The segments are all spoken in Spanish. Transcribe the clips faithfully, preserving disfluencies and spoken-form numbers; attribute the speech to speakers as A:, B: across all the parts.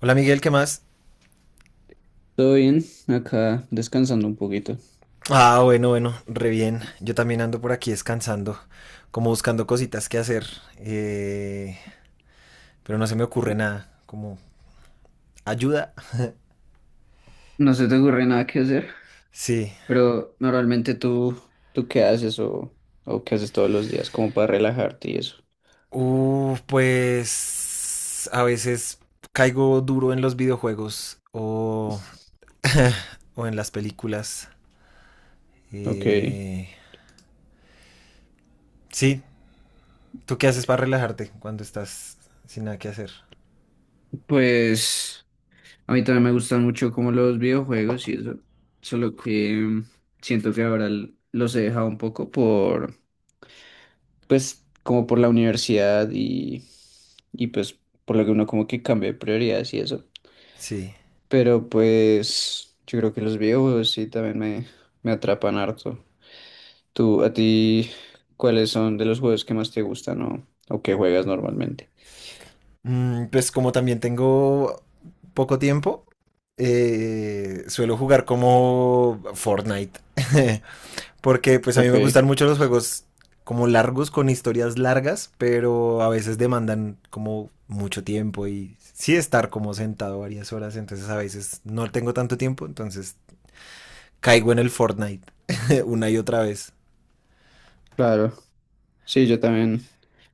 A: Hola Miguel, ¿qué más?
B: Todo bien, acá descansando un poquito.
A: Ah, bueno, bueno, re bien. Yo también ando por aquí descansando, como buscando cositas que hacer, eh, pero no se me ocurre nada, como ayuda.
B: No se te ocurre nada que hacer,
A: Sí.
B: pero normalmente tú, ¿tú qué haces o, o qué haces todos los días como para relajarte y eso?
A: Uh, pues a veces caigo duro en los videojuegos o, o en las películas.
B: Ok,
A: Eh, sí, ¿tú qué haces para relajarte cuando estás sin nada que hacer?
B: pues a mí también me gustan mucho como los videojuegos y eso, solo que mm, siento que ahora l- los he dejado un poco por, pues como por la universidad y, y pues por lo que uno como que cambia de prioridades y eso.
A: Sí.
B: Pero pues yo creo que los videojuegos sí también me, me atrapan harto. Tú, a ti, ¿cuáles son de los juegos que más te gustan o, o que juegas normalmente?
A: Mm, Pues como también tengo poco tiempo, eh, suelo jugar como Fortnite. Porque pues a mí
B: Ok,
A: me gustan mucho los juegos como largos, con historias largas, pero a veces demandan como mucho tiempo y sí estar como sentado varias horas, entonces a veces no tengo tanto tiempo, entonces caigo en el Fortnite una y otra vez.
B: claro. Sí, yo también,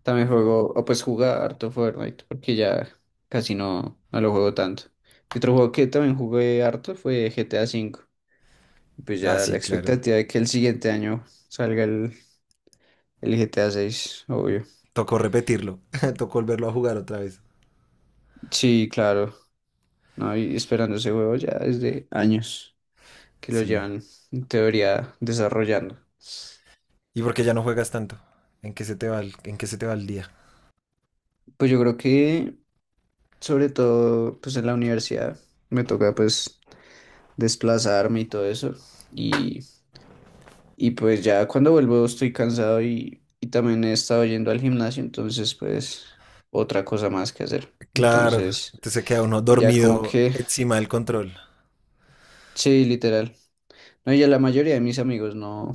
B: también juego, o pues jugaba harto Fortnite, porque ya casi no, no lo juego tanto. Y otro juego que también jugué harto fue G T A quinto. Y pues
A: Ah,
B: ya la
A: sí, claro.
B: expectativa de que el siguiente año salga el, el G T A seis, obvio.
A: Tocó repetirlo, tocó volverlo a jugar otra vez.
B: Sí, claro. No, y esperando ese juego ya desde años que lo
A: Sí.
B: llevan en teoría desarrollando.
A: ¿Y por qué ya no juegas tanto? ¿En qué se te va el, en qué se te va el día?
B: Pues yo creo que sobre todo pues en la universidad me toca pues desplazarme y todo eso. Y, y pues ya cuando vuelvo estoy cansado y, y también he estado yendo al gimnasio, entonces pues otra cosa más que hacer.
A: Claro,
B: Entonces
A: entonces se queda uno
B: ya como
A: dormido
B: que
A: encima del control.
B: sí, literal. No, y ya la mayoría de mis amigos no.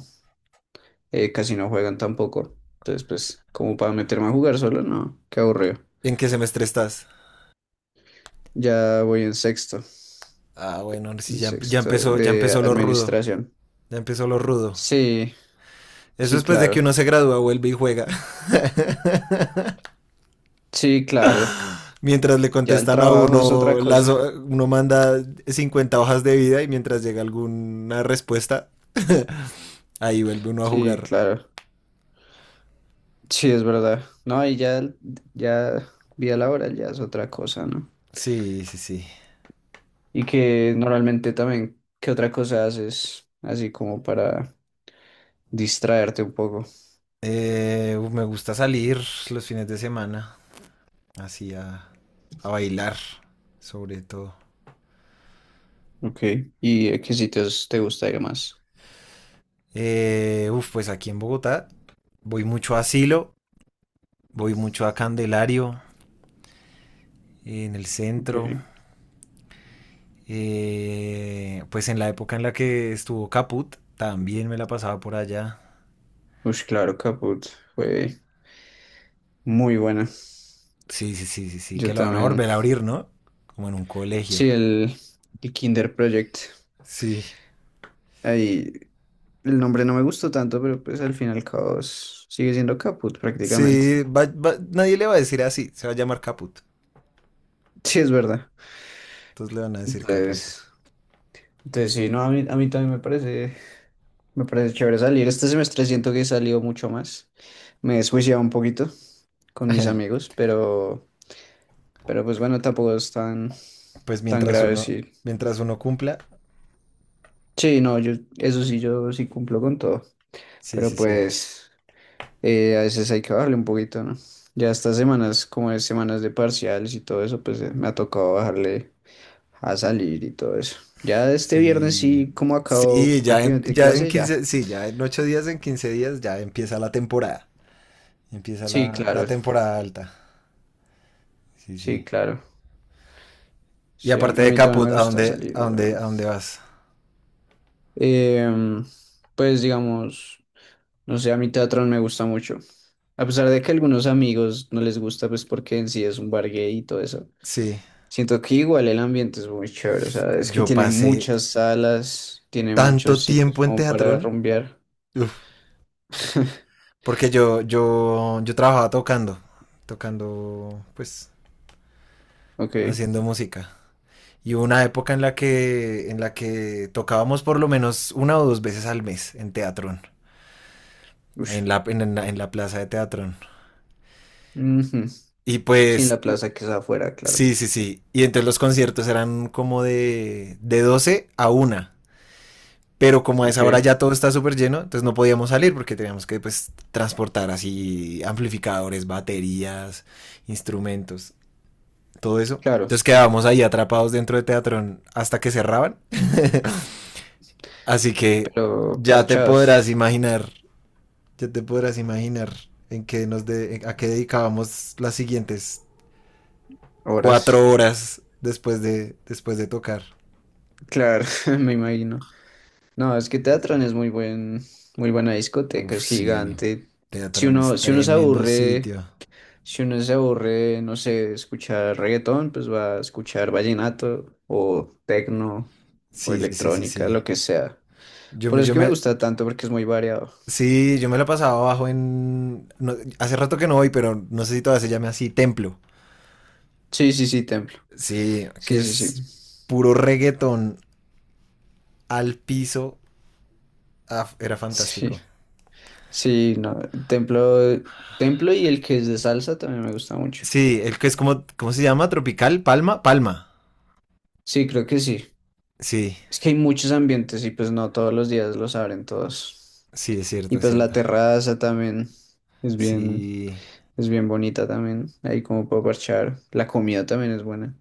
B: eh, casi no juegan tampoco. Entonces, pues, como para meterme a jugar solo, no, qué aburrido.
A: ¿En qué semestre estás?
B: Ya voy en sexto,
A: Ah, bueno, sí,
B: en
A: ya, ya
B: sexto
A: empezó, ya
B: de
A: empezó lo rudo.
B: administración.
A: Ya empezó lo rudo.
B: Sí,
A: Eso
B: sí,
A: después de que
B: claro.
A: uno se gradúa, vuelve y juega.
B: Sí, claro.
A: Mientras le
B: Ya el
A: contestan a
B: trabajo es
A: uno,
B: otra
A: las,
B: cosa.
A: ho- uno manda cincuenta hojas de vida y mientras llega alguna respuesta, ahí vuelve uno a
B: Sí,
A: jugar.
B: claro. Sí, es verdad. No, y ya, el- ya vida laboral ya es otra cosa, ¿no?
A: Sí, sí, sí.
B: Y que normalmente también, ¿qué otra cosa haces? Así como para distraerte un poco.
A: Eh, me gusta salir los fines de semana, así a, a bailar, sobre todo.
B: Ok. ¿Y a qué sitios te gusta ir más?
A: Eh, uf, pues aquí en Bogotá voy mucho a Asilo, voy mucho a Candelario, en el
B: Ok.
A: centro. Eh, pues en la época en la que estuvo Caput, también me la pasaba por allá.
B: Ush, claro, Caput fue muy buena.
A: Sí, sí, sí, sí, sí, que
B: Yo
A: lo van a
B: también.
A: volver a abrir, ¿no? Como en un colegio.
B: Sí, el, el Kinder Project.
A: Sí,
B: Ahí el nombre no me gustó tanto, pero pues al fin y al cabo es- sigue siendo Caput prácticamente.
A: sí, va- va- nadie le va a decir así, se va a llamar Caput.
B: Sí, es verdad.
A: Entonces le van a decir Caput.
B: Entonces, entonces sí, no, a mí, a mí también me parece, me parece chévere salir. Este semestre siento que he salido mucho más. Me he desjuiciado un poquito con mis amigos, pero, pero pues bueno, tampoco es tan,
A: Pues
B: tan
A: mientras
B: grave,
A: uno,
B: sí.
A: mientras uno cumpla,
B: Sí, no, yo, eso sí, yo sí cumplo con todo.
A: sí,
B: Pero
A: sí, sí.
B: pues eh, a veces hay que bajarle un poquito, ¿no? Ya estas semanas, como es semanas de parciales y todo eso, pues eh, me ha tocado bajarle a salir y todo eso. Ya este viernes
A: Sí,
B: sí, como acabo
A: sí, ya en,
B: prácticamente
A: ya en
B: clase, ya.
A: quince, sí, ya en ocho días, en quince días, ya empieza la temporada. Empieza
B: Sí,
A: la, la
B: claro,
A: temporada alta. Sí,
B: sí,
A: sí.
B: claro.
A: Y
B: Sí, a mí,
A: aparte
B: a
A: de
B: mí también
A: Caput,
B: me
A: ¿a
B: gusta
A: dónde,
B: salir,
A: a
B: bueno.
A: dónde, a dónde vas?
B: Em, pues digamos, no sé, a mí Teatrón me gusta mucho. A pesar de que a algunos amigos no les gusta, pues porque en sí es un bar gay y todo eso.
A: Sí,
B: Siento que igual el ambiente es muy chévere, o sea, es que
A: yo
B: tiene
A: pasé
B: muchas salas, tiene muchos
A: tanto
B: sitios
A: tiempo en
B: como para
A: Teatrón,
B: rumbear.
A: uf, porque yo, yo, yo trabajaba tocando, tocando, pues,
B: Ok,
A: haciendo música. Y hubo una época en la que, en la que tocábamos por lo menos una o dos veces al mes en Teatrón.
B: ush.
A: En la, en, la, en la plaza de Teatrón.
B: Ujú.
A: Y
B: Sí, en
A: pues,
B: la plaza que es afuera, claro.
A: sí, sí, sí. Y entonces los conciertos eran como de, de doce a una. Pero como a
B: Ok,
A: esa hora ya todo está súper lleno, entonces no podíamos salir porque teníamos que pues transportar así amplificadores, baterías, instrumentos, todo eso.
B: claro,
A: Entonces quedábamos ahí atrapados dentro de Teatrón hasta que cerraban. Así que
B: pero
A: ya te podrás
B: parchados,
A: imaginar, ya te podrás imaginar en qué nos de, a qué dedicábamos las siguientes
B: horas.
A: cuatro horas después de, después de tocar.
B: Claro, me imagino. No, es que
A: Sí, sí, sí.
B: Teatrón es muy buen, muy buena discoteca,
A: Uf,
B: es
A: sí.
B: gigante. Si
A: Teatrón es
B: uno, si uno se
A: tremendo
B: aburre
A: sitio.
B: Si uno se aburre, no sé, de escuchar reggaetón, pues va a escuchar vallenato o tecno o
A: Sí, sí, sí, sí,
B: electrónica,
A: sí.
B: lo que sea.
A: Yo
B: Por
A: me,
B: eso es
A: yo
B: que me
A: me,
B: gusta tanto porque es muy variado.
A: sí, yo me la pasaba abajo en, no, hace rato que no voy, pero no sé si todavía se llame así, Templo.
B: Sí, sí, sí, Templo.
A: Sí,
B: Sí,
A: que
B: sí,
A: es
B: sí.
A: puro reggaetón al piso. Ah, era fantástico.
B: Sí, sí, no. Templo, Templo y el que es de salsa también me gusta mucho.
A: Sí, el que es como, ¿cómo se llama? Tropical, Palma, Palma.
B: Sí, creo que sí.
A: Sí,
B: Es que hay muchos ambientes y pues no todos los días los abren todos.
A: sí, es
B: Y
A: cierto, es
B: pues la
A: cierto.
B: terraza también es bien,
A: Sí.
B: es bien bonita también. Ahí como para parchar. La comida también es buena.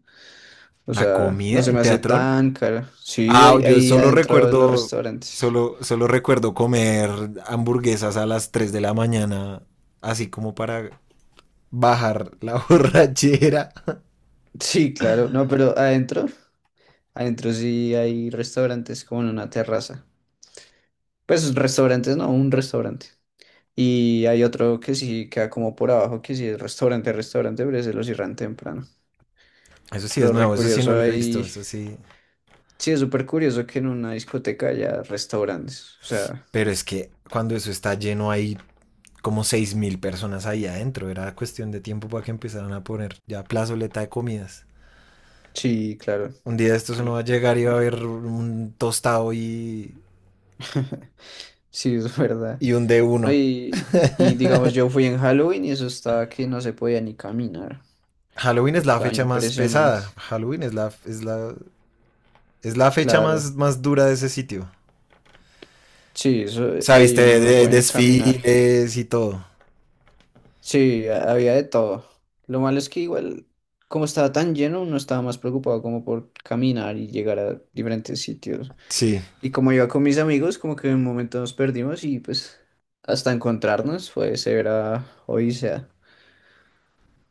B: O
A: La
B: sea, no
A: comida
B: se
A: en
B: me hace
A: Teatrón.
B: tan cara. Sí,
A: Ah,
B: ahí,
A: yo
B: ahí
A: solo
B: adentro de los
A: recuerdo,
B: restaurantes.
A: solo, solo recuerdo comer hamburguesas a las tres de la mañana, así como para bajar la borrachera.
B: Sí, claro. No, pero adentro, adentro sí hay restaurantes como en una terraza. Pues restaurantes, no, un restaurante. Y hay otro que sí queda como por abajo, que sí es restaurante, restaurante, pero ese lo cierran temprano.
A: Eso sí es
B: Pero re
A: nuevo, eso sí
B: curioso
A: no lo he visto,
B: ahí.
A: eso sí.
B: Sí, es súper curioso que en una discoteca haya restaurantes. O sea,
A: Pero es que cuando eso está lleno hay como seis mil personas ahí adentro, era cuestión de tiempo para que empezaran a poner ya plazoleta de comidas.
B: sí, claro.
A: Un día de estos
B: Y,
A: uno va a llegar y va a
B: y-
A: haber un tostado y,
B: Sí, es verdad.
A: y un de
B: ¿No?
A: uno.
B: Y, y digamos, yo fui en Halloween y eso estaba que no se podía ni caminar.
A: Halloween es la
B: Estaba
A: fecha más
B: impresionante.
A: pesada. Halloween es la, es la, es la fecha
B: Claro.
A: más, más dura de ese sitio.
B: Sí, eso,
A: O sea,
B: ahí
A: viste,
B: uno
A: de,
B: no
A: de-
B: puede ni caminar.
A: desfiles y todo.
B: Sí, ha- había de todo. Lo malo es que igual, como estaba tan lleno, uno estaba más preocupado como por caminar y llegar a diferentes sitios.
A: Sí.
B: Y como iba con mis amigos, como que en un momento nos perdimos y pues hasta encontrarnos fue severa odisea.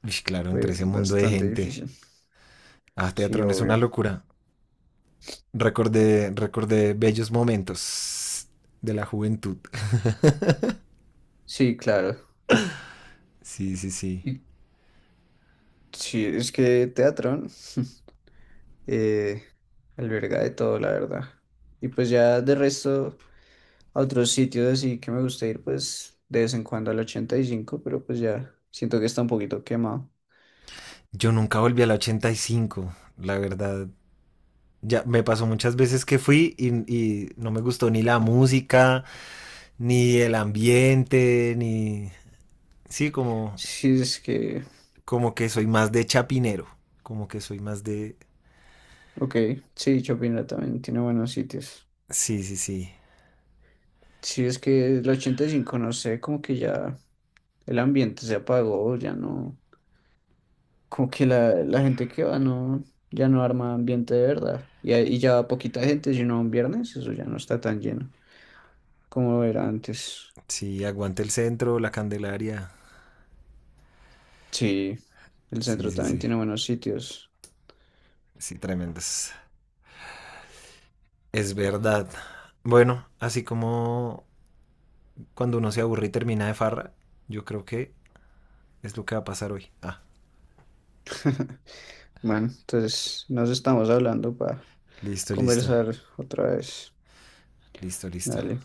A: Uy, claro, entre
B: Fue
A: ese mundo de
B: bastante
A: gente.
B: difícil.
A: Ah,
B: Sí,
A: Teatrón es una
B: obvio.
A: locura. Recordé, recordé bellos momentos de la juventud.
B: Sí, claro.
A: Sí, sí, sí.
B: ¿Y Sí, es que Teatrón eh, alberga de todo, la verdad. Y pues ya de resto, a otros sitios así que me gusta ir, pues de vez en cuando al ochenta y cinco, pero pues ya siento que está un poquito quemado.
A: Yo nunca volví a la ochenta y cinco, la verdad. Ya me pasó muchas veces que fui y, y no me gustó ni la música, ni el ambiente, ni... Sí, como,
B: Sí, es que,
A: como que soy más de Chapinero. Como que soy más de.
B: ok, sí, Chopinla también tiene buenos sitios.
A: Sí, sí, sí.
B: Sí, es que el ochenta y cinco no sé, como que ya el ambiente se apagó, ya no, como que la, la gente que va no, ya no arma ambiente de verdad. Y, ahí- y ya va poquita gente, sino un viernes, eso ya no está tan lleno. Como era antes.
A: Sí, aguante el centro, la Candelaria.
B: Sí, el
A: Sí,
B: centro
A: sí,
B: también
A: sí.
B: tiene buenos sitios.
A: Sí, tremendos. Es verdad. Bueno, así como cuando uno se aburre y termina de farra, yo creo que es lo que va a pasar hoy. Ah,
B: Bueno, entonces nos estamos hablando para
A: listo, listo.
B: conversar otra vez.
A: Listo, listo.
B: Dale.